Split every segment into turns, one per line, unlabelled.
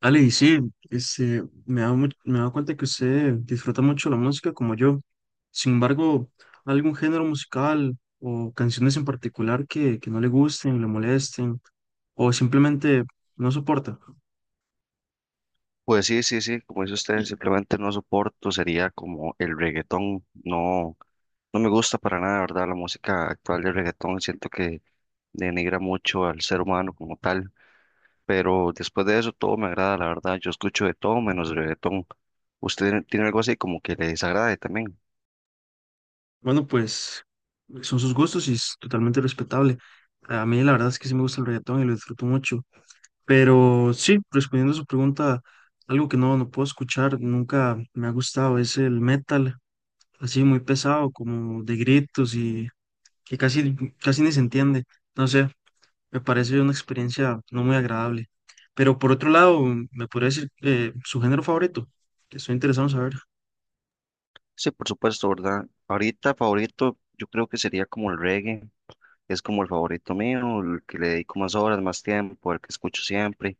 Ale, y sí, me he dado, me he dado cuenta que usted disfruta mucho la música como yo. Sin embargo, ¿algún género musical o canciones en particular que no le gusten, le molesten o simplemente no soporta?
Pues sí, sí, sí, como dice usted, simplemente no soporto, sería como el reggaetón, no, no me gusta para nada, ¿verdad? La música actual del reggaetón, siento que denigra mucho al ser humano como tal, pero después de eso todo me agrada, la verdad, yo escucho de todo menos reggaetón. ¿Usted tiene algo así como que le desagrade también?
Bueno, pues son sus gustos y es totalmente respetable. A mí la verdad es que sí me gusta el reggaetón y lo disfruto mucho. Pero sí, respondiendo a su pregunta, algo que no puedo escuchar, nunca me ha gustado, es el metal, así muy pesado, como de gritos y que casi ni se entiende. No sé, me parece una experiencia no muy agradable. Pero por otro lado, ¿me podría decir su género favorito? Que estoy interesado en saber.
Sí, por supuesto, ¿verdad? Ahorita favorito, yo creo que sería como el reggae, es como el favorito mío, el que le dedico más horas, más tiempo, el que escucho siempre.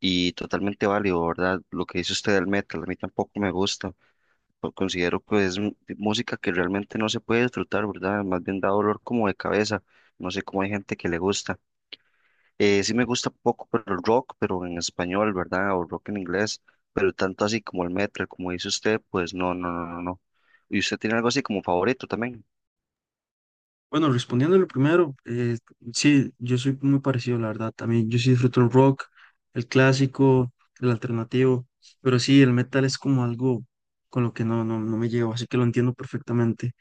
Y totalmente válido, ¿verdad? Lo que dice usted del metal, a mí tampoco me gusta. Pero considero que es música que realmente no se puede disfrutar, ¿verdad? Más bien da dolor como de cabeza. No sé cómo hay gente que le gusta. Sí me gusta poco, pero el rock, pero en español, ¿verdad? O rock en inglés, pero tanto así como el metal, como dice usted, pues no, no, no, no, no. ¿Y usted tiene algo así como favorito también?
Bueno, respondiendo lo primero, sí, yo soy muy parecido, la verdad. También yo sí disfruto el rock, el clásico, el alternativo, pero sí, el metal es como algo con lo que no me llevo, así que lo entiendo perfectamente.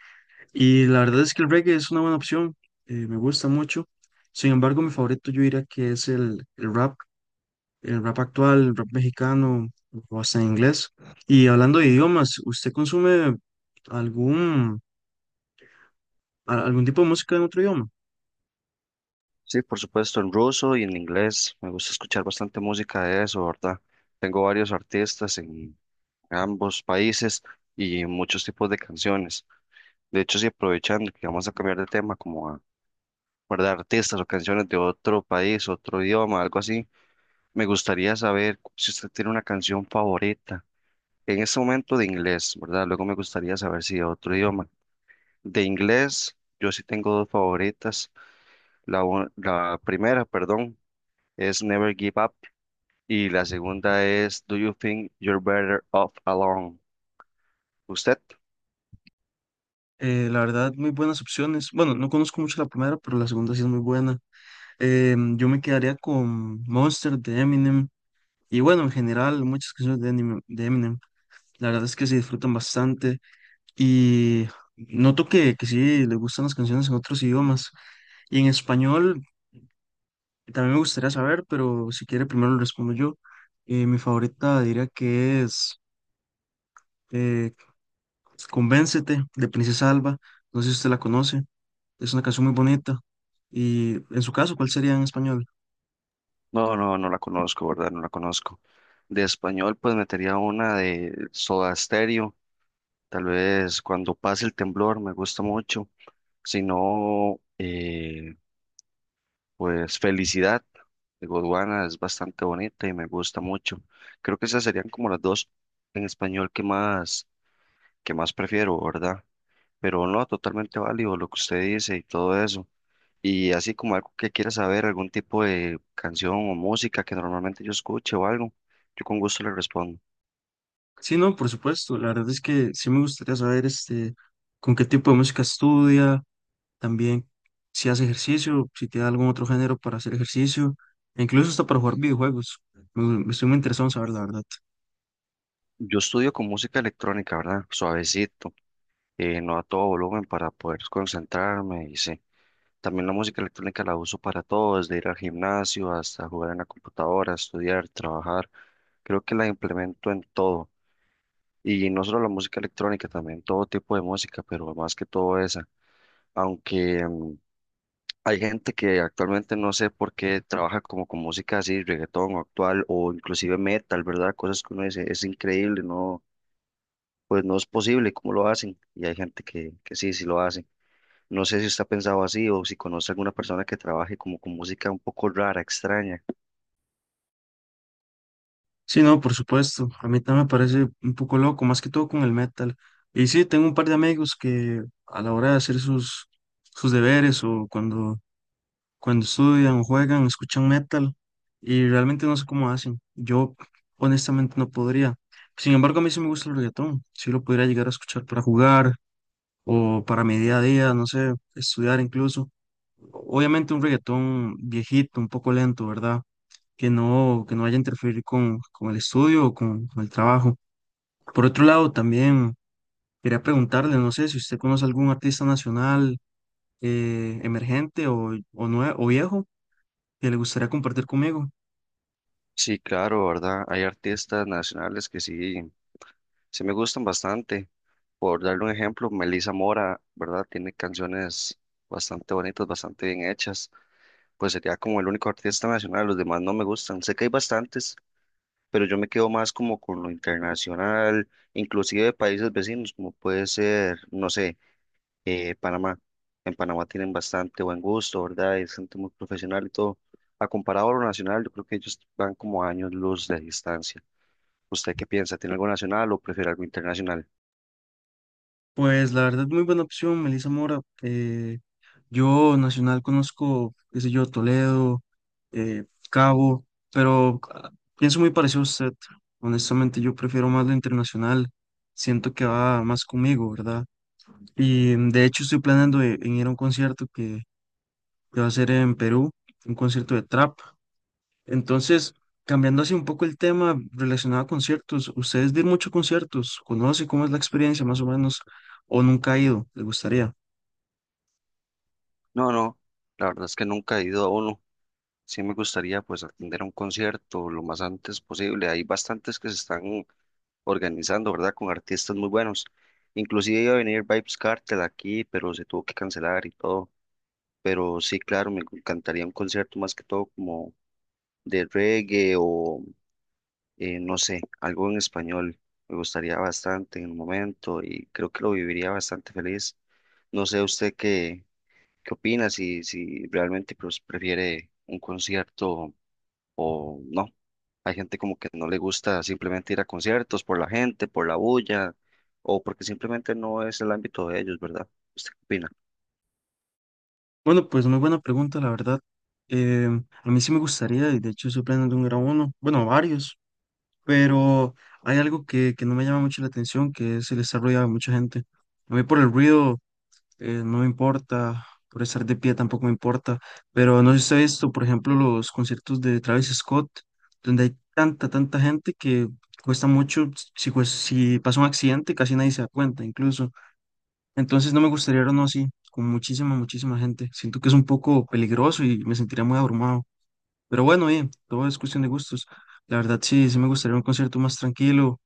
Y la verdad es que el reggae es una buena opción, me gusta mucho. Sin embargo, mi favorito yo diría que es el rap. El rap actual, el rap mexicano o hasta en inglés. Y hablando de idiomas, ¿usted consume algún, algún tipo de música en otro idioma?
Sí, por supuesto, en ruso y en inglés. Me gusta escuchar bastante música de eso, ¿verdad? Tengo varios artistas en ambos países y muchos tipos de canciones. De hecho, si aprovechando que vamos a cambiar de tema, como a guardar artistas o canciones de otro país, otro idioma, algo así, me gustaría saber si usted tiene una canción favorita. En este momento de inglés, ¿verdad? Luego me gustaría saber si de otro idioma. De inglés, yo sí tengo dos favoritas. La primera, perdón, es Never Give Up y la segunda es Do You Think You're Better Off Alone? ¿Usted?
La verdad, muy buenas opciones. Bueno, no conozco mucho la primera, pero la segunda sí es muy buena. Yo me quedaría con Monster de Eminem. Y bueno, en general, muchas canciones de Eminem, La verdad es que se disfrutan bastante. Y noto que sí le gustan las canciones en otros idiomas. Y en español. También me gustaría saber, pero si quiere primero lo respondo yo. Mi favorita diría que es eh, Convéncete de Princesa Alba. No sé si usted la conoce. Es una canción muy bonita. Y en su caso, ¿cuál sería en español?
No, no, no la conozco, ¿verdad? No la conozco. De español, pues metería una de Soda Stereo. Tal vez cuando pase el temblor, me gusta mucho. Si no, pues Felicidad de Godwana es bastante bonita y me gusta mucho. Creo que esas serían como las dos en español que más prefiero, ¿verdad? Pero no, totalmente válido lo que usted dice y todo eso. Y así como algo que quiera saber, algún tipo de canción o música que normalmente yo escuche o algo, yo con gusto le respondo.
Sí, no, por supuesto. La verdad es que sí me gustaría saber con qué tipo de música estudia, también si hace ejercicio, si tiene algún otro género para hacer ejercicio, e incluso hasta para jugar videojuegos. Me estoy muy interesado en saber, la verdad.
Yo estudio con música electrónica, ¿verdad? Suavecito, no a todo volumen para poder concentrarme y sí. También la música electrónica la uso para todo, desde ir al gimnasio hasta jugar en la computadora, estudiar, trabajar. Creo que la implemento en todo. Y no solo la música electrónica, también todo tipo de música, pero más que todo esa. Aunque hay gente que actualmente no sé por qué trabaja como con música así, reggaetón o actual o inclusive metal, ¿verdad? Cosas que uno dice, es increíble, no, pues no es posible cómo lo hacen. Y hay gente que sí, sí lo hace. No sé si usted ha pensado así o si conoce alguna persona que trabaje como con música un poco rara, extraña.
Sí, no, por supuesto. A mí también me parece un poco loco, más que todo con el metal. Y sí, tengo un par de amigos que a la hora de hacer sus deberes o cuando estudian o juegan, escuchan metal y realmente no sé cómo hacen. Yo honestamente no podría. Sin embargo, a mí sí me gusta el reggaetón. Sí lo podría llegar a escuchar para jugar o para mi día a día, no sé, estudiar incluso. Obviamente un reggaetón viejito, un poco lento, ¿verdad? Que no vaya a interferir con el estudio o con el trabajo. Por otro lado, también quería preguntarle, no sé si usted conoce algún artista nacional emergente o viejo que le gustaría compartir conmigo.
Sí, claro, ¿verdad? Hay artistas nacionales que sí, sí me gustan bastante. Por darle un ejemplo, Melissa Mora, ¿verdad? Tiene canciones bastante bonitas, bastante bien hechas. Pues sería como el único artista nacional, los demás no me gustan. Sé que hay bastantes, pero yo me quedo más como con lo internacional, inclusive de países vecinos, como puede ser, no sé, Panamá. En Panamá tienen bastante buen gusto, ¿verdad? Es gente muy profesional y todo. A comparado a lo nacional, yo creo que ellos van como a años luz de distancia. ¿Usted qué piensa? ¿Tiene algo nacional o prefiere algo internacional?
Pues la verdad, muy buena opción, Melissa Mora. Yo nacional conozco, qué sé yo, Toledo, eh, Cabo, pero pienso muy parecido a usted. Honestamente, yo prefiero más lo internacional. Siento que va más conmigo, ¿verdad? Y de hecho estoy planeando en ir a un concierto que va a ser en Perú, un concierto de trap. Entonces, cambiando así un poco el tema relacionado a conciertos, ¿ustedes de ir mucho a conciertos? ¿Conoce cómo es la experiencia más o menos? ¿O nunca ha ido? ¿Le gustaría?
No, no, la verdad es que nunca he ido a uno. Sí, me gustaría pues atender a un concierto lo más antes posible. Hay bastantes que se están organizando, ¿verdad? Con artistas muy buenos. Inclusive iba a venir Vibes Cartel aquí, pero se tuvo que cancelar y todo. Pero sí, claro, me encantaría un concierto más que todo como de reggae o no sé, algo en español. Me gustaría bastante en el momento y creo que lo viviría bastante feliz. No sé usted qué, qué opina, si, si realmente pues, prefiere un concierto o no. Hay gente como que no le gusta simplemente ir a conciertos por la gente, por la bulla, o porque simplemente no es el ámbito de ellos, ¿verdad? ¿Usted qué opina?
Bueno, pues muy buena pregunta, la verdad. A mí sí me gustaría, y de hecho estoy planeando un gran uno, bueno, varios, pero hay algo que no me llama mucho la atención, que es el estar rodeado de mucha gente. A mí por el ruido no me importa, por estar de pie tampoco me importa, pero no sé si sabes esto, por ejemplo, los conciertos de Travis Scott, donde hay tanta, tanta gente que cuesta mucho, si, pues, si pasa un accidente casi nadie se da cuenta incluso, entonces no me gustaría ir uno así, con muchísima, muchísima gente, siento que es un poco peligroso y me sentiría muy abrumado, pero bueno, bien, todo es cuestión de gustos, la verdad sí, sí me gustaría un concierto más tranquilo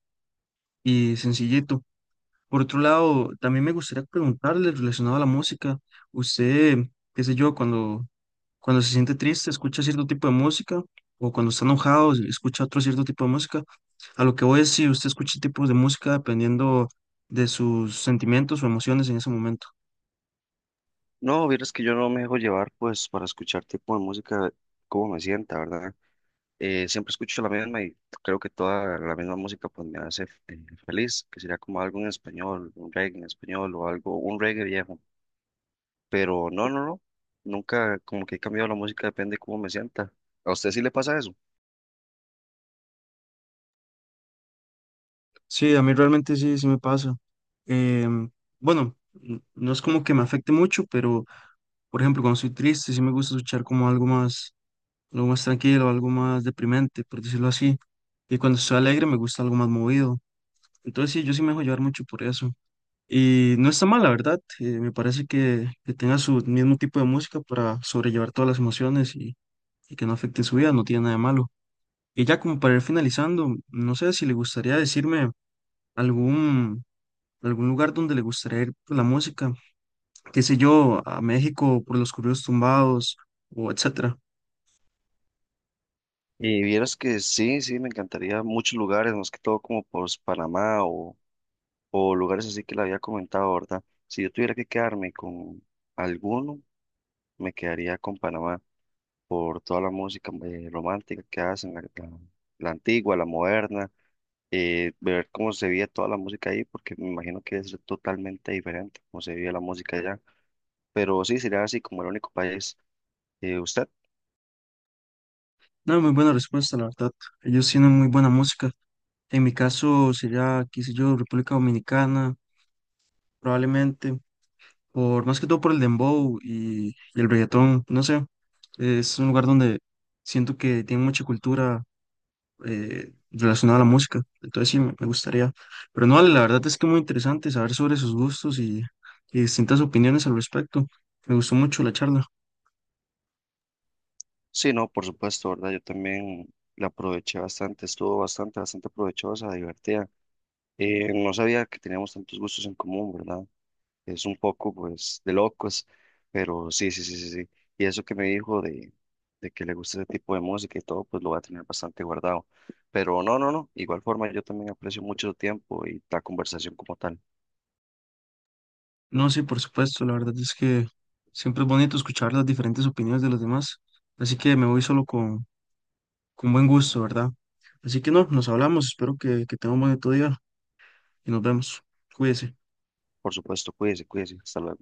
y sencillito. Por otro lado, también me gustaría preguntarle relacionado a la música, usted, qué sé yo, cuando se siente triste, escucha cierto tipo de música, o cuando está enojado, escucha otro cierto tipo de música. A lo que voy es si usted escucha tipos de música dependiendo de sus sentimientos o emociones en ese momento.
No, vieras que yo no me dejo llevar pues para escuchar tipo de música como me sienta, ¿verdad? Siempre escucho la misma y creo que toda la misma música pues me hace eh, feliz, que sería como algo en español, un reggae en español o algo, un reggae viejo. Pero no, no, no, nunca como que he cambiado la música, depende de cómo me sienta. ¿A usted sí le pasa eso?
Sí, a mí realmente sí, sí me pasa. Em, bueno, no es como que me afecte mucho, pero por ejemplo, cuando estoy triste, sí me gusta escuchar como algo más, algo más tranquilo, algo más deprimente, por decirlo así. Y cuando estoy alegre me gusta algo más movido. Entonces sí, yo sí me dejo llevar mucho por eso. Y no está mal, la verdad. Me parece que tenga su mismo tipo de música para sobrellevar todas las emociones y que no afecte su vida, no tiene nada de malo. Y ya como para ir finalizando, no sé si le gustaría decirme algún, algún lugar donde le gustaría ir por la música, qué sé yo, a México por los corridos tumbados o etcétera.
Y vieras que sí, sí, me encantaría muchos lugares, más que todo como por Panamá o lugares así que le había comentado, ¿verdad? Si yo tuviera que quedarme con alguno, me quedaría con Panamá por toda la música romántica que hacen, la antigua, la moderna, ver cómo se veía toda la música ahí, porque me imagino que es totalmente diferente cómo se veía la música allá. Pero sí, sería así como el único país. ¿Usted?
No, muy buena respuesta, la verdad. Ellos tienen muy buena música. En mi caso sería, qué sé yo, República Dominicana, probablemente, por más que todo por el dembow y el reggaetón, no sé, es un lugar donde siento que tiene mucha cultura relacionada a la música, entonces sí, me gustaría. Pero no, la verdad es que muy interesante saber sobre sus gustos y distintas opiniones al respecto. Me gustó mucho la charla.
Sí, no, por supuesto, ¿verdad? Yo también la aproveché bastante, estuvo bastante, bastante provechosa, divertida. No sabía que teníamos tantos gustos en común, ¿verdad? Es un poco, pues, de locos, pero sí, sí, sí, sí, sí. Y eso que me dijo de que le gusta ese tipo de música y todo, pues lo voy a tener bastante guardado. Pero no, no, no, igual forma yo también aprecio mucho su tiempo y la conversación como tal.
No, sí, por supuesto, la verdad es que siempre es bonito escuchar las diferentes opiniones de los demás, así que me voy solo con buen gusto, ¿verdad? Así que no, nos hablamos, espero que tenga un bonito día y nos vemos. Cuídese.
Por supuesto, cuídese, cuídese, hasta luego.